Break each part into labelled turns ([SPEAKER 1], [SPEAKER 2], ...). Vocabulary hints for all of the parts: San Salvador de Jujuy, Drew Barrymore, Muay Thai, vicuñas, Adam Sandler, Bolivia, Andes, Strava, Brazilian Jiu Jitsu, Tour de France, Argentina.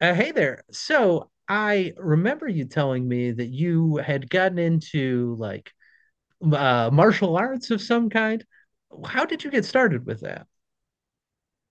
[SPEAKER 1] Hey there. So I remember you telling me that you had gotten into martial arts of some kind. How did you get started with that?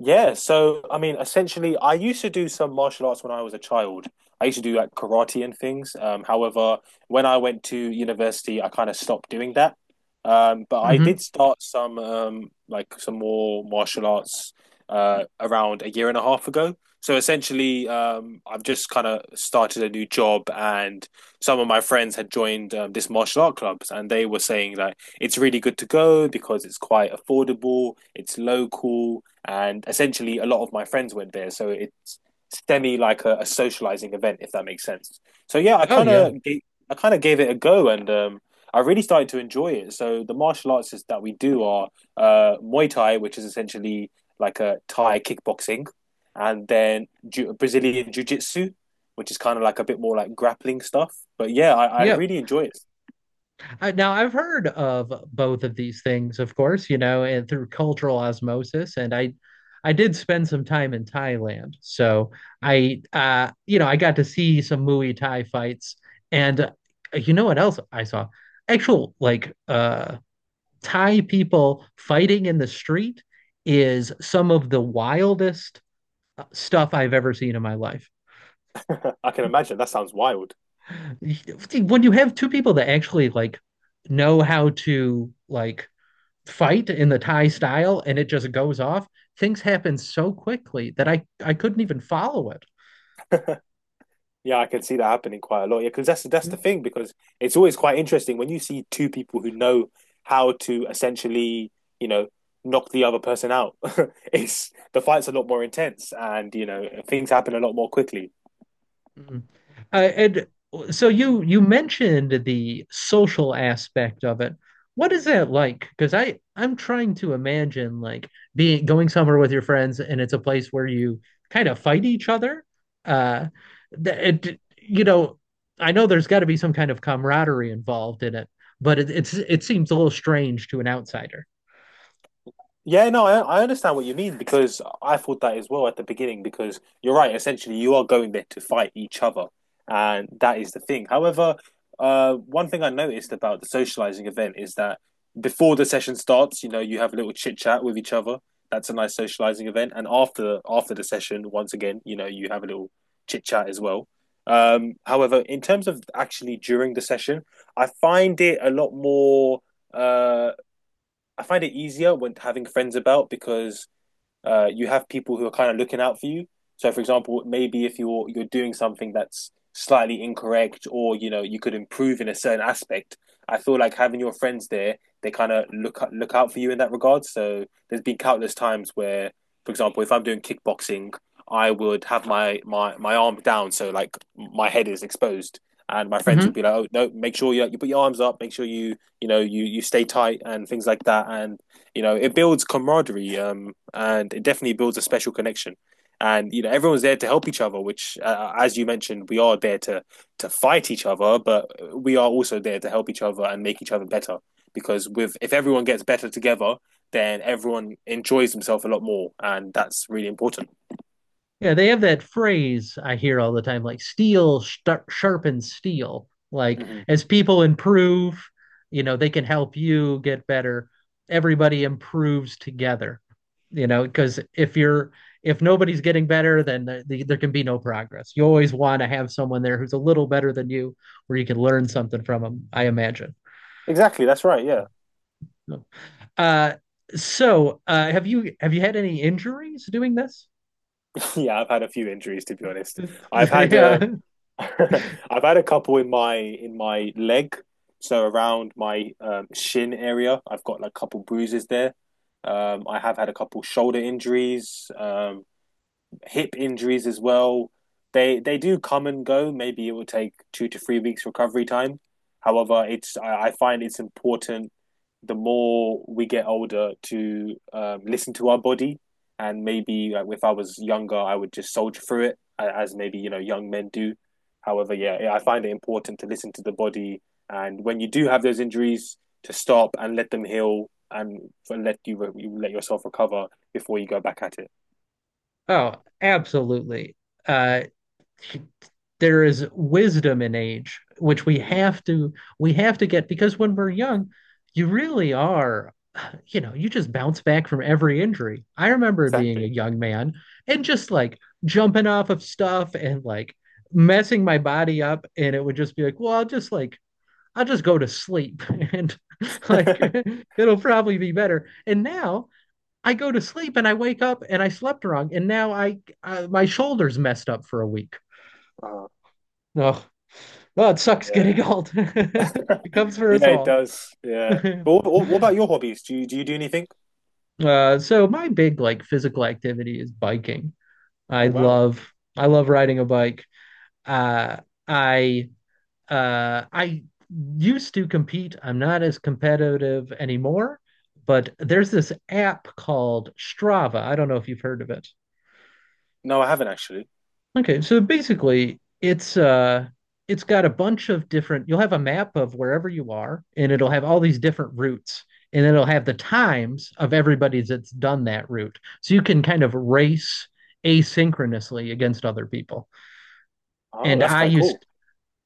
[SPEAKER 2] Yeah, so I mean, essentially, I used to do some martial arts when I was a child. I used to do like karate and things. However, when I went to university, I kind of stopped doing that. But I did
[SPEAKER 1] Hmm.
[SPEAKER 2] start some like some more martial arts around a year and a half ago. So essentially, I've just kind of started a new job, and some of my friends had joined this martial art clubs, and they were saying that it's really good to go because it's quite affordable, it's local and essentially a lot of my friends went there, so it's semi like a socializing event, if that makes sense. So yeah, I
[SPEAKER 1] Oh
[SPEAKER 2] kind
[SPEAKER 1] yeah.
[SPEAKER 2] of I kind of gave it a go, and I really started to enjoy it. So the martial arts that we do are Muay Thai, which is essentially like a Thai kickboxing, and then Brazilian Jiu Jitsu, which is kind of like a bit more like grappling stuff. But yeah, I
[SPEAKER 1] Yep.
[SPEAKER 2] really enjoy it.
[SPEAKER 1] Now I've heard of both of these things, of course, you know, and through cultural osmosis. I did spend some time in Thailand, so you know, I got to see some Muay Thai fights, and you know what else I saw? Actual like Thai people fighting in the street is some of the wildest stuff I've ever seen in my life.
[SPEAKER 2] I can imagine. That sounds wild.
[SPEAKER 1] When you have two people that actually like know how to like fight in the Thai style and it just goes off, things happen so quickly that I couldn't even follow it.
[SPEAKER 2] Yeah, I can see that happening quite a lot. Yeah, because that's the thing. Because it's always quite interesting when you see two people who know how to essentially, you know, knock the other person out. It's the fight's a lot more intense, and you know, things happen a lot more quickly.
[SPEAKER 1] Mhm. And so you mentioned the social aspect of it. What is that like? Because I'm trying to imagine like being going somewhere with your friends and it's a place where you kind of fight each other. Uh, that you know, I know there's got to be some kind of camaraderie involved in it, but it it seems a little strange to an outsider.
[SPEAKER 2] Yeah, no, I understand what you mean because I thought that as well at the beginning because you're right. Essentially, you are going there to fight each other, and that is the thing. However, one thing I noticed about the socializing event is that before the session starts, you know, you have a little chit chat with each other. That's a nice socializing event, and after the session, once again, you know, you have a little chit chat as well. However, in terms of actually during the session, I find it a lot more uh I find it easier when having friends about because you have people who are kind of looking out for you. So, for example, maybe if you're doing something that's slightly incorrect, or you know you could improve in a certain aspect, I feel like having your friends there, they kind of look out for you in that regard. So, there's been countless times where, for example, if I'm doing kickboxing, I would have my arm down, so like my head is exposed, and my friends
[SPEAKER 1] Ujú.
[SPEAKER 2] would be like, "Oh no, make sure you put your arms up, make sure you know you stay tight and things like that." And you know, it builds camaraderie and it definitely builds a special connection. And you know, everyone's there to help each other, which, as you mentioned, we are there to fight each other, but we are also there to help each other and make each other better. Because with if everyone gets better together, then everyone enjoys themselves a lot more, and that's really important.
[SPEAKER 1] Yeah, they have that phrase I hear all the time, like steel star sharpens steel. Like
[SPEAKER 2] Mm-hmm.
[SPEAKER 1] as people improve, you know, they can help you get better. Everybody improves together, you know, because if you're if nobody's getting better, then there can be no progress. You always want to have someone there who's a little better than you, where you can learn something from them, I imagine.
[SPEAKER 2] Exactly, that's right. Yeah,
[SPEAKER 1] Uh, have you have you had any injuries doing this?
[SPEAKER 2] yeah. I've had a few injuries to be honest. I've had
[SPEAKER 1] Yeah.
[SPEAKER 2] I've had a couple in my leg, so around my shin area. I've got like a couple bruises there. I have had a couple shoulder injuries. Hip injuries as well. They do come and go. Maybe it will take 2 to 3 weeks recovery time. However, it's I find it's important the more we get older to listen to our body and maybe like, if I was younger, I would just soldier through it as maybe you know young men do. However, yeah, I find it important to listen to the body, and when you do have those injuries, to stop and let them heal and let you let yourself recover before you go back at it.
[SPEAKER 1] Oh, absolutely. Uh, there is wisdom in age, which
[SPEAKER 2] Mm-hmm.
[SPEAKER 1] we have to get because when we're young, you really are, you know, you just bounce back from every injury. I remember being a
[SPEAKER 2] Exactly.
[SPEAKER 1] young man and just like jumping off of stuff and like messing my body up, and it would just be like, well, I'll just go to sleep and like it'll probably be better. And now I go to sleep and I wake up and I slept wrong, and now I my shoulders messed up for a week.
[SPEAKER 2] Oh,
[SPEAKER 1] Oh, oh, it sucks
[SPEAKER 2] yeah.
[SPEAKER 1] getting old. It comes for us
[SPEAKER 2] Yeah, it
[SPEAKER 1] all.
[SPEAKER 2] does. Yeah.
[SPEAKER 1] uh,
[SPEAKER 2] But what about your hobbies? Do you do you do anything?
[SPEAKER 1] so my big like physical activity is biking. I
[SPEAKER 2] Oh, wow.
[SPEAKER 1] love I love riding a bike. Uh, I I used to compete. I'm not as competitive anymore, but there's this app called Strava. I don't know if you've heard of it.
[SPEAKER 2] No, I haven't actually.
[SPEAKER 1] Okay, so basically it's got a bunch of different you'll have a map of wherever you are and it'll have all these different routes and it'll have the times of everybody that's done that route. So you can kind of race asynchronously against other people.
[SPEAKER 2] Oh,
[SPEAKER 1] And
[SPEAKER 2] that's quite cool.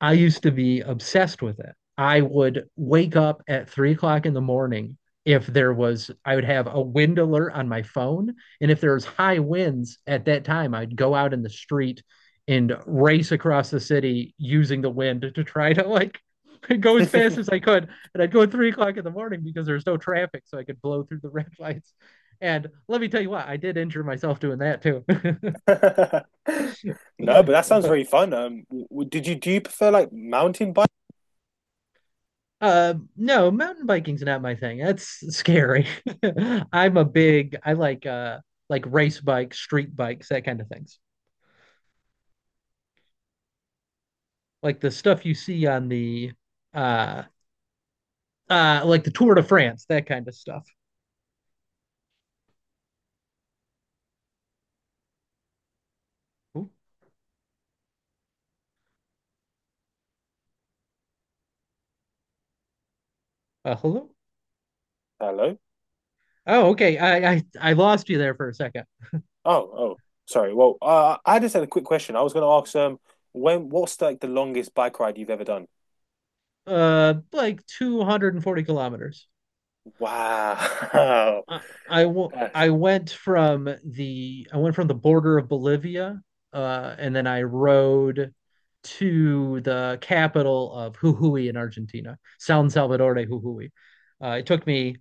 [SPEAKER 1] I used to be obsessed with it. I would wake up at 3 o'clock in the morning if there was, I would have a wind alert on my phone. And if there was high winds at that time, I'd go out in the street and race across the city using the wind to try to like go as fast as I could. And I'd go at 3 o'clock in the morning because there was no traffic, so I could blow through the red lights. And let me tell you what, I did injure myself doing that too.
[SPEAKER 2] No, but that sounds
[SPEAKER 1] but
[SPEAKER 2] very fun. Did you do you prefer like mountain bike?
[SPEAKER 1] No, mountain biking's not my thing. That's scary. I'm a big, I like like race bikes, street bikes, that kind of things. Like the stuff you see on the uh like the Tour de France, that kind of stuff. Ooh, hello?
[SPEAKER 2] Hello?
[SPEAKER 1] Oh, okay. I lost you there for a second.
[SPEAKER 2] Oh, oh, sorry. Well, I just had a quick question. I was going to ask when what's like the longest bike ride you've ever done?
[SPEAKER 1] Like 240 kilometers.
[SPEAKER 2] Wow.
[SPEAKER 1] I I
[SPEAKER 2] That's
[SPEAKER 1] I went from the border of Bolivia, and then I rode to the capital of Jujuy in Argentina, San Salvador de Jujuy. It took me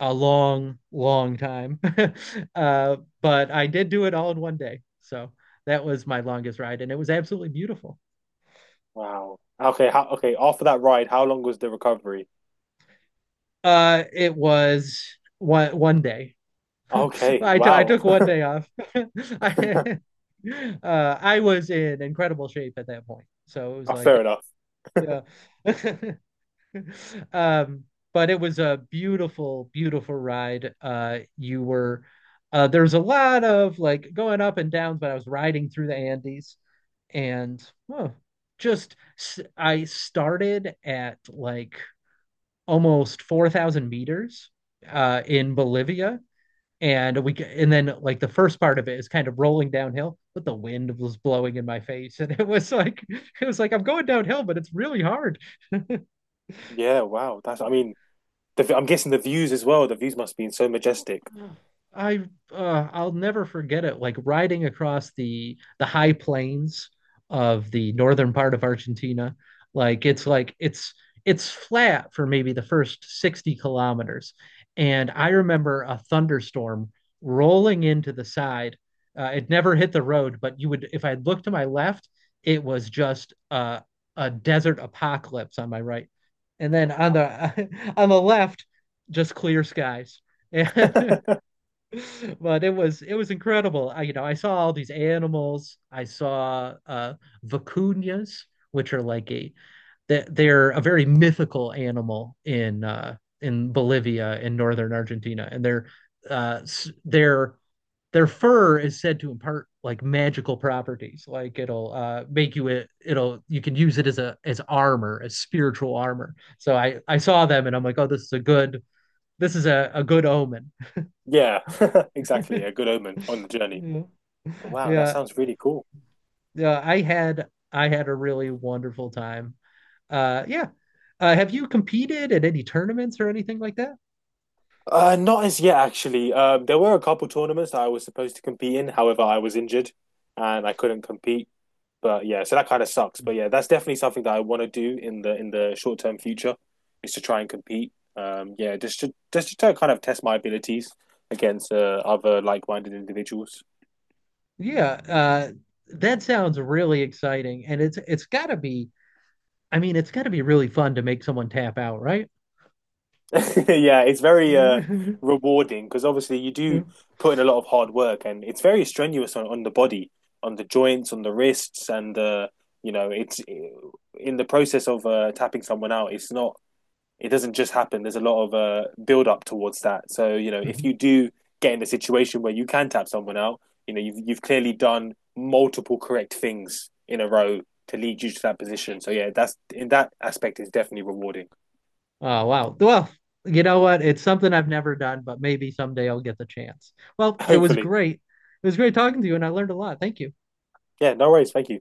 [SPEAKER 1] a long, long time, uh, but I did do it all in one day. So that was my longest ride, and it was absolutely beautiful.
[SPEAKER 2] wow. Okay, after that ride, how long was the recovery?
[SPEAKER 1] It was one day.
[SPEAKER 2] Okay,
[SPEAKER 1] I
[SPEAKER 2] wow.
[SPEAKER 1] took one day off. I I was in incredible shape at that point. So it was
[SPEAKER 2] Oh, fair
[SPEAKER 1] like
[SPEAKER 2] enough.
[SPEAKER 1] yeah. Um but it was a beautiful, beautiful ride. You were There's a lot of like going up and downs, but I was riding through the Andes and oh, I started at like almost 4,000 meters in Bolivia, and then like the first part of it is kind of rolling downhill, but the wind was blowing in my face and it was like it was like I'm going downhill but it's really hard.
[SPEAKER 2] Yeah, wow. I mean, I'm guessing the views as well. The views must be so majestic.
[SPEAKER 1] I I'll never forget it, like riding across the high plains of the northern part of Argentina. Like it's flat for maybe the first 60 kilometers. And I remember a thunderstorm rolling into the side. It never hit the road, but you would if I looked to my left, it was just a desert apocalypse on my right. And then on the on the left, just clear skies. And but it was incredible. I, you know, I saw all these animals. I saw vicuñas, which are like a that they're a very mythical animal in Bolivia, in northern Argentina, and uh their their fur is said to impart like magical properties. Like it'll make you it it'll you can use it as a as armor, as spiritual armor. So I saw them and I'm like, oh, this is a good omen.
[SPEAKER 2] Yeah, exactly. A good omen on the journey.
[SPEAKER 1] Yeah.
[SPEAKER 2] But wow, that
[SPEAKER 1] Yeah,
[SPEAKER 2] sounds really cool.
[SPEAKER 1] yeah. I had a really wonderful time. Yeah. Have you competed at any tournaments or anything like that?
[SPEAKER 2] Not as yet, actually. There were a couple tournaments that I was supposed to compete in. However, I was injured and I couldn't compete. But yeah, so that kind of sucks. But yeah, that's definitely something that I want to do in the short term future is to try and compete. Yeah, just to kind of test my abilities against other like minded individuals.
[SPEAKER 1] Yeah, that sounds really exciting, and it's got to be. I mean, it's got to be really fun to make someone tap out, right?
[SPEAKER 2] Yeah, it's very rewarding because obviously you do put in a lot of hard work and it's very strenuous on the body, on the joints, on the wrists, and you know, it's in the process of tapping someone out, it's not, it doesn't just happen. There's a lot of build up towards that. So, you know, if you do get in a situation where you can tap someone out, you know, you've clearly done multiple correct things in a row to lead you to that position. So yeah, that's in that aspect is definitely rewarding.
[SPEAKER 1] Oh wow. Well, you know what? It's something I've never done, but maybe someday I'll get the chance. Well, it was
[SPEAKER 2] Hopefully.
[SPEAKER 1] great. It was great talking to you, and I learned a lot. Thank you.
[SPEAKER 2] Yeah, no worries. Thank you.